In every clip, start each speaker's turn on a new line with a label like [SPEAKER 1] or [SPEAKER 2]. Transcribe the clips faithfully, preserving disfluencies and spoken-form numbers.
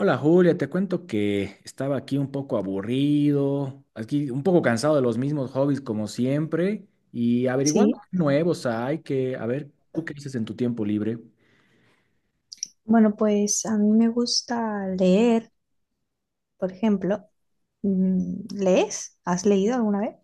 [SPEAKER 1] Hola Julia, te cuento que estaba aquí un poco aburrido, aquí un poco cansado de los mismos hobbies como siempre y averiguando
[SPEAKER 2] Sí,
[SPEAKER 1] qué nuevos hay que, a ver, ¿tú qué dices en tu tiempo libre?
[SPEAKER 2] bueno, pues a mí me gusta leer, por ejemplo. Mm, ¿Lees? ¿Has leído alguna vez?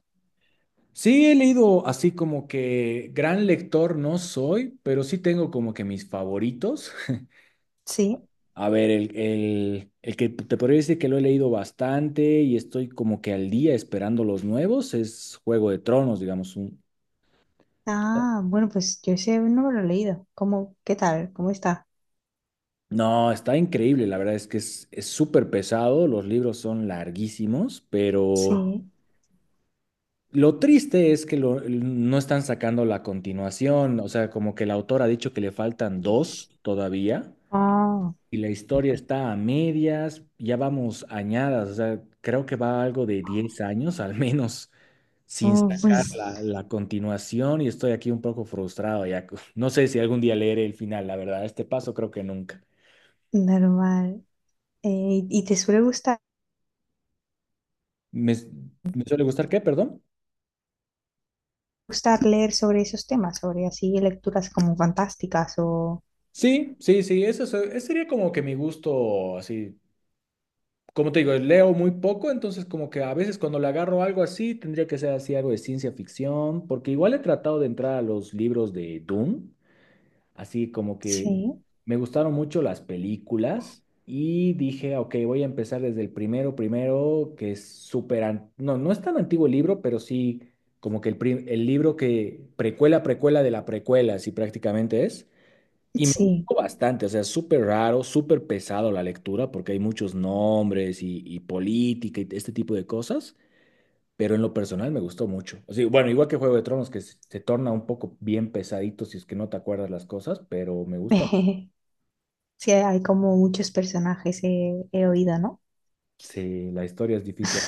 [SPEAKER 1] Sí, he leído así como que gran lector no soy, pero sí tengo como que mis favoritos.
[SPEAKER 2] Sí.
[SPEAKER 1] A ver, el, el, el que te podría decir que lo he leído bastante y estoy como que al día esperando los nuevos es Juego de Tronos, digamos, un.
[SPEAKER 2] Ah, bueno, pues yo ese no me lo he leído. ¿Cómo? ¿Qué tal? ¿Cómo está?
[SPEAKER 1] No, está increíble, la verdad es que es es súper pesado, los libros son larguísimos, pero
[SPEAKER 2] Sí.
[SPEAKER 1] lo triste es que lo- no están sacando la continuación, o sea, como que el autor ha dicho que le faltan dos todavía
[SPEAKER 2] Ah,
[SPEAKER 1] y la historia está a medias, ya vamos añadas, o sea, creo que va algo de diez años al menos sin
[SPEAKER 2] oh,
[SPEAKER 1] sacar
[SPEAKER 2] pues
[SPEAKER 1] la, la continuación y estoy aquí un poco frustrado ya, no sé si algún día leeré el final, la verdad, a este paso creo que nunca.
[SPEAKER 2] normal. Eh, ¿y y te suele gustar,
[SPEAKER 1] ¿Me, me suele gustar qué, perdón?
[SPEAKER 2] gustar leer sobre esos temas, sobre así lecturas como fantásticas o...
[SPEAKER 1] Sí, sí, sí, eso, es- ese sería como que mi gusto, así, como te digo, leo muy poco, entonces como que a veces cuando le agarro algo así, tendría que ser así algo de ciencia ficción, porque igual he tratado de entrar a los libros de Dune, así como que
[SPEAKER 2] Sí,
[SPEAKER 1] me gustaron mucho las películas y dije, ok, voy a empezar desde el primero, primero, que es súper, an- no, no es tan antiguo el libro, pero sí como que el, prim- el libro que precuela, precuela de la precuela, así prácticamente es. Y me
[SPEAKER 2] sí.
[SPEAKER 1] gustó bastante, o sea, súper raro, súper pesado la lectura porque hay muchos nombres y, y política y este tipo de cosas, pero en lo personal me gustó mucho. O sea, bueno, igual que Juego de Tronos, que se, se torna un poco bien pesadito si es que no te acuerdas las cosas, pero me gusta.
[SPEAKER 2] Sí, hay como muchos personajes, he, he oído, ¿no?
[SPEAKER 1] Sí, la historia es difícil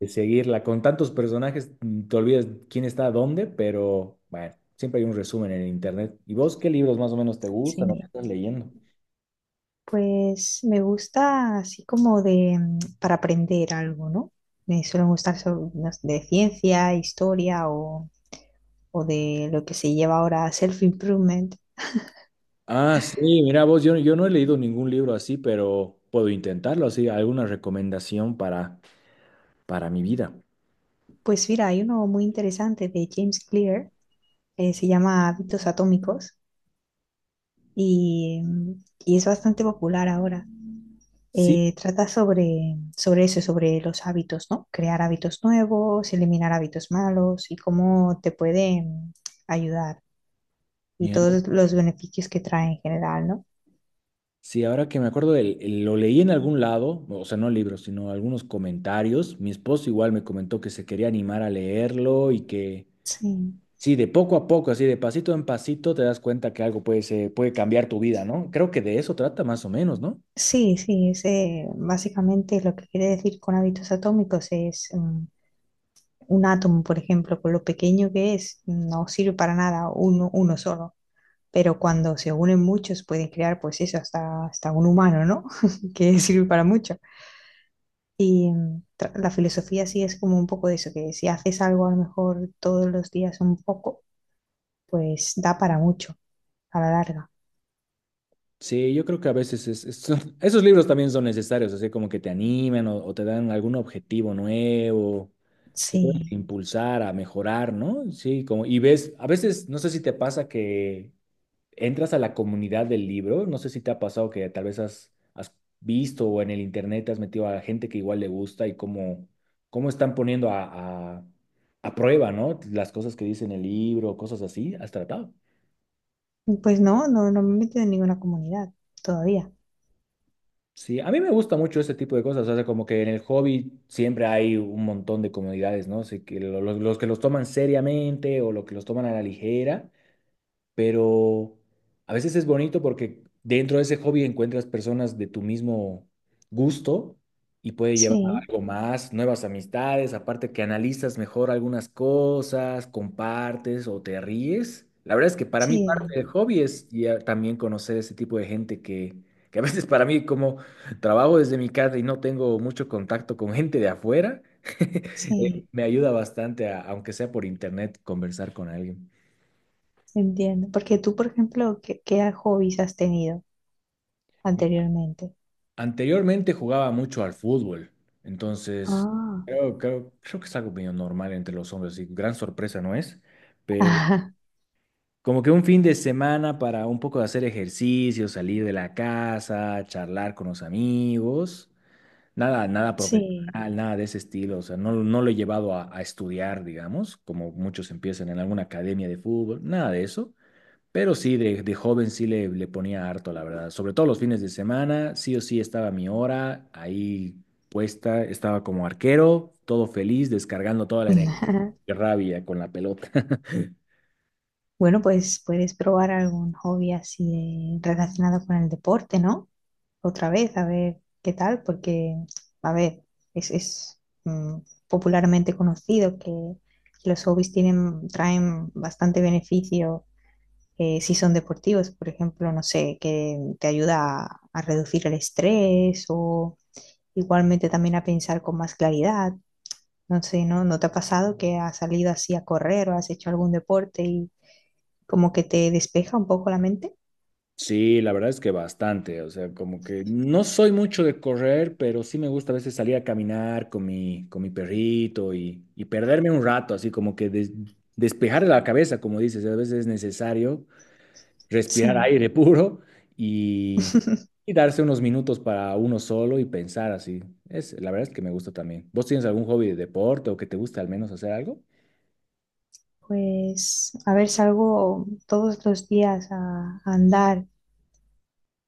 [SPEAKER 1] de seguirla. Con tantos personajes mm, te olvidas quién está dónde, pero bueno, siempre hay un resumen en internet. ¿Y vos qué libros más o menos te gustan o qué
[SPEAKER 2] Sí.
[SPEAKER 1] estás leyendo?
[SPEAKER 2] Pues me gusta así como de mm, para aprender algo, ¿no? Me suelen gustar so- no sé, de ciencia, historia o, o de lo que se lleva ahora self-improvement.
[SPEAKER 1] Ah, sí, mira vos, yo, yo no he leído ningún libro así, pero puedo intentarlo así, alguna recomendación para, para mi vida.
[SPEAKER 2] Pues mira, hay uno muy interesante de James Clear, eh, se llama Hábitos Atómicos y, mm, y es bastante popular ahora.
[SPEAKER 1] Sí,
[SPEAKER 2] Eh, trata sobre, sobre eso, sobre los hábitos, ¿no? Crear hábitos nuevos, eliminar hábitos malos y cómo te pueden mm, ayudar y
[SPEAKER 1] mira,
[SPEAKER 2] todos los beneficios que trae en general, ¿no?
[SPEAKER 1] sí, ahora que me acuerdo, el- el- lo leí en algún lado, o sea, no libros, sino algunos comentarios. Mi esposo igual me comentó que se quería animar a leerlo y que,
[SPEAKER 2] Sí,
[SPEAKER 1] sí, de poco a poco, así de pasito en pasito, te das cuenta que algo puede, ser- puede cambiar tu vida, ¿no? Creo que de eso trata más o menos, ¿no?
[SPEAKER 2] sí, sí, es, eh, básicamente lo que quiere decir con hábitos atómicos es mm, un átomo, por ejemplo, con lo pequeño que es, no sirve para nada uno, uno solo, pero cuando se unen muchos pueden crear, pues eso, hasta, hasta un humano, ¿no? Que sirve para mucho. Y mm, tra- la filosofía sí es como un poco de eso, que si haces algo a lo mejor todos los días un poco, pues da para mucho a la larga.
[SPEAKER 1] Sí, yo creo que a veces es- es- son- esos libros también son necesarios, así como que te animan o, o te dan algún objetivo nuevo, te pueden
[SPEAKER 2] Sí.
[SPEAKER 1] impulsar a mejorar, ¿no? Sí, como, y ves, a veces, no sé si te pasa que entras a la comunidad del libro, no sé si te ha pasado que tal vez has, has visto o en el internet te has metido a gente que igual le gusta y cómo, cómo están poniendo a, a, a prueba, ¿no? Las cosas que dice en el libro, cosas así, ¿has tratado?
[SPEAKER 2] Pues no, no, no me he metido en ninguna comunidad todavía.
[SPEAKER 1] Sí, a mí me gusta mucho este tipo de cosas, o sea, como que en el hobby siempre hay un montón de comodidades, ¿no? Sé que lo- lo- los que los toman seriamente o los que los toman a la ligera, pero a veces es bonito porque dentro de ese hobby encuentras personas de tu mismo gusto y puede llevar a
[SPEAKER 2] Sí,
[SPEAKER 1] algo más, nuevas amistades, aparte que analizas mejor algunas cosas, compartes o te ríes. La verdad es que para mí parte
[SPEAKER 2] sí,
[SPEAKER 1] del hobby es ya también conocer ese tipo de gente que, que a veces para mí como trabajo desde mi casa y no tengo mucho contacto con gente de afuera, eh,
[SPEAKER 2] sí,
[SPEAKER 1] me ayuda bastante, a- aunque sea por internet, conversar con alguien.
[SPEAKER 2] entiendo. Porque tú, por ejemplo, ¿qué, qué hobbies has tenido anteriormente?
[SPEAKER 1] Anteriormente jugaba mucho al fútbol, entonces
[SPEAKER 2] Ah,
[SPEAKER 1] creo, creo, creo que es algo medio normal entre los hombres, y gran sorpresa no es, pero
[SPEAKER 2] ajá,
[SPEAKER 1] como que un fin de semana para un poco de hacer ejercicio, salir de la casa, charlar con los amigos, nada, nada
[SPEAKER 2] sí.
[SPEAKER 1] profesional, nada de ese estilo, o sea, no, no lo he llevado a, a estudiar, digamos, como muchos empiezan en alguna academia de fútbol, nada de eso, pero sí, de, de joven sí le, le ponía harto, la verdad. Sobre todo los fines de semana, sí o sí estaba mi hora ahí puesta, estaba como arquero, todo feliz, descargando toda la energía y rabia con la pelota.
[SPEAKER 2] Bueno, pues puedes probar algún hobby así de- relacionado con el deporte, ¿no? Otra vez, a ver qué tal, porque, a ver, es, es, mm, popularmente conocido que los hobbies tienen, traen bastante beneficio eh, si son deportivos, por ejemplo, no sé, que te ayuda a, a reducir el estrés o igualmente también a pensar con más claridad. No sé, ¿no? ¿No te ha pasado que has salido así a correr o has hecho algún deporte y como que te despeja un poco la mente?
[SPEAKER 1] Sí, la verdad es que bastante, o sea, como que no soy mucho de correr, pero sí me gusta a veces salir a caminar con mi, con mi perrito y, y perderme un rato, así como que des- despejar la cabeza, como dices, a veces es necesario respirar
[SPEAKER 2] Sí,
[SPEAKER 1] aire puro y, y darse unos minutos para uno solo y pensar así. Es, la verdad es que me gusta también. ¿Vos tienes algún hobby de deporte o que te guste al menos hacer algo?
[SPEAKER 2] Pues, a ver, salgo todos los días a, a andar,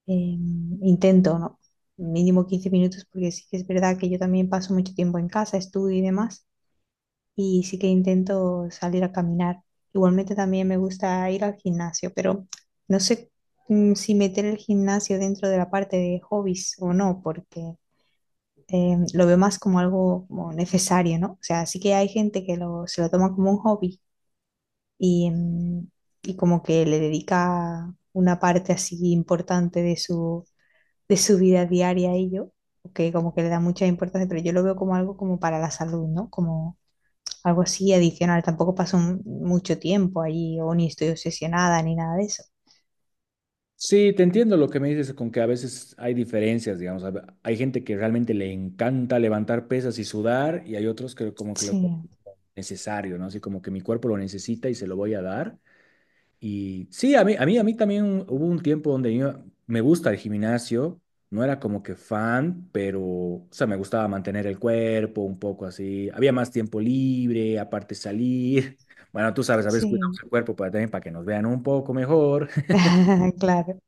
[SPEAKER 2] eh, intento, ¿no? Mínimo quince minutos, porque sí que es verdad que yo también paso mucho tiempo en casa, estudio y demás, y sí que intento salir a caminar. Igualmente también me gusta ir al gimnasio, pero no sé mm, si meter el gimnasio dentro de la parte de hobbies o no, porque eh, lo veo más como algo como necesario, ¿no? O sea, sí que hay gente que lo, se lo toma como un hobby y, mm, y como que le dedica una parte así importante de su, de su vida diaria a ello. Que como que le da mucha importancia, pero yo lo veo como algo como para la salud, ¿no? Como algo así adicional. Tampoco paso un- mucho tiempo allí o ni estoy obsesionada ni nada de eso.
[SPEAKER 1] Sí, te entiendo lo que me dices con que a veces hay diferencias, digamos. hab- Hay gente que realmente le encanta levantar pesas y sudar y hay otros que como que lo
[SPEAKER 2] Sí,
[SPEAKER 1] necesario, ¿no? Así como que mi cuerpo lo necesita y se lo voy a dar. Y sí, a mí, a mí, a mí también hubo un tiempo donde yo- me gusta el gimnasio, no era como que fan, pero, o sea, me gustaba mantener el cuerpo un poco así, había más tiempo libre, aparte salir, bueno, tú sabes, a veces cuidamos
[SPEAKER 2] sí.
[SPEAKER 1] el cuerpo para, también para que nos vean un poco mejor,
[SPEAKER 2] Claro.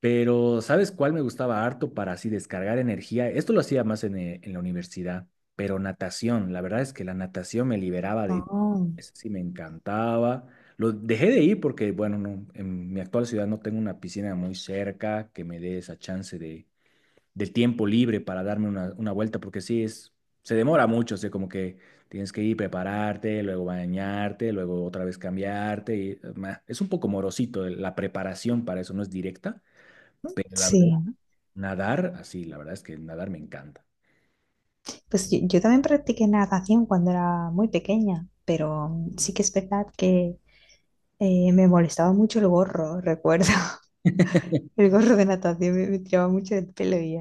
[SPEAKER 1] pero, ¿sabes cuál me gustaba harto para así descargar energía? Esto lo hacía más en, eh, en la universidad, pero natación. La verdad es que la natación me liberaba de...
[SPEAKER 2] Oh,
[SPEAKER 1] Eso sí me encantaba. Lo dejé de ir porque, bueno, no, en mi actual ciudad no tengo una piscina muy cerca que me dé esa chance de, del tiempo libre para darme una, una vuelta, porque sí, es, se demora mucho, o sea, como que tienes que ir, prepararte, luego bañarte, luego otra vez cambiarte. Y, eh, ma, es un poco morosito, la preparación para eso no es directa, pero la verdad,
[SPEAKER 2] sí.
[SPEAKER 1] nadar, así, la verdad es que nadar me encanta.
[SPEAKER 2] Pues yo, yo también practiqué natación cuando era muy pequeña, pero mm, sí que es verdad que eh, me molestaba mucho el gorro, recuerdo. El gorro de natación me, me tiraba mucho del pelo y,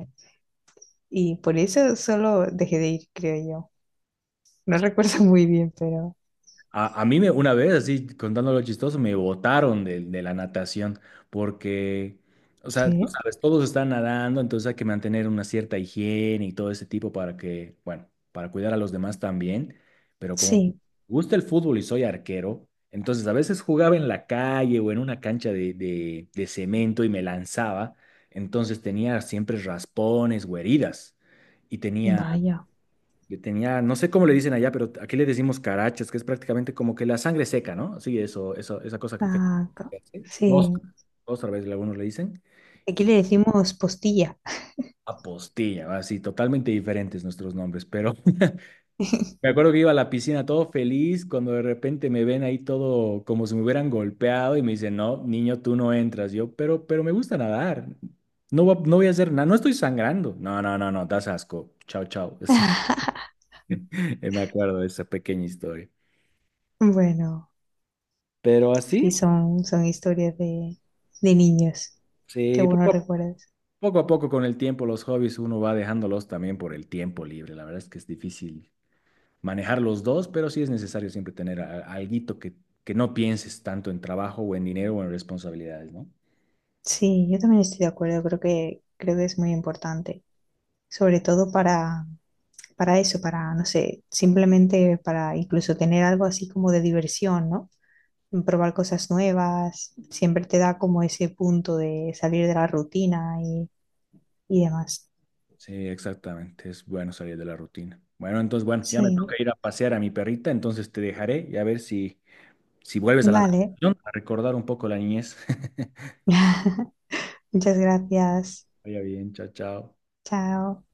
[SPEAKER 2] y por eso solo dejé de ir, creo yo. No recuerdo muy bien, pero
[SPEAKER 1] A, a mí me, una vez, así, contándolo chistoso, me botaron de, de la natación porque, o sea, tú
[SPEAKER 2] sí,
[SPEAKER 1] sabes, todos están nadando, entonces hay que mantener una cierta higiene y todo ese tipo para que, bueno, para cuidar a los demás también. Pero como me
[SPEAKER 2] sí,
[SPEAKER 1] gusta el fútbol y soy arquero, entonces a veces jugaba en la calle o en una cancha de, de, de cemento y me lanzaba, entonces tenía siempre raspones o heridas. Y tenía
[SPEAKER 2] vaya.
[SPEAKER 1] Yo tenía, no sé cómo le dicen allá, pero aquí le decimos carachas, que es prácticamente como que la sangre seca, ¿no? Sí, eso, eso, esa cosa que te
[SPEAKER 2] Ah, co-
[SPEAKER 1] hace. Costra,
[SPEAKER 2] sí,
[SPEAKER 1] otra vez algunos le dicen.
[SPEAKER 2] aquí
[SPEAKER 1] Y
[SPEAKER 2] le decimos postilla.
[SPEAKER 1] apostilla, así, totalmente diferentes nuestros nombres. Pero me acuerdo que iba a la piscina todo feliz cuando de repente me ven ahí todo como si me hubieran golpeado y me dicen, no, niño, tú no entras. Yo, pero, pero, me gusta nadar. No, voy a- no voy a hacer nada, no estoy sangrando. No, no, no, no, das asco. Chao, chao. Sí, me acuerdo de esa pequeña historia.
[SPEAKER 2] Bueno,
[SPEAKER 1] Pero
[SPEAKER 2] sí,
[SPEAKER 1] así.
[SPEAKER 2] son, son historias de, de niños. Qué
[SPEAKER 1] Sí, poco
[SPEAKER 2] buenos
[SPEAKER 1] a,
[SPEAKER 2] recuerdos.
[SPEAKER 1] poco a poco con el tiempo los hobbies uno va dejándolos también por el tiempo libre. La verdad es que es difícil manejar los dos, pero sí es necesario siempre tener a- alguito que, que no pienses tanto en trabajo o en dinero o en responsabilidades, ¿no?
[SPEAKER 2] Sí, yo también estoy de acuerdo. Creo que, creo que es muy importante. Sobre todo para, para eso, para, no sé, simplemente para incluso tener algo así como de diversión, ¿no? Probar cosas nuevas. Siempre te da como ese punto de salir de la rutina y, y demás.
[SPEAKER 1] Sí, exactamente. Es bueno salir de la rutina. Bueno, entonces, bueno, ya me toca
[SPEAKER 2] Sí,
[SPEAKER 1] ir a pasear a mi perrita, entonces te dejaré y a ver si, si vuelves a la
[SPEAKER 2] vale.
[SPEAKER 1] natación a recordar un poco la niñez.
[SPEAKER 2] Muchas gracias.
[SPEAKER 1] Vaya bien, chao, chao.
[SPEAKER 2] Chao.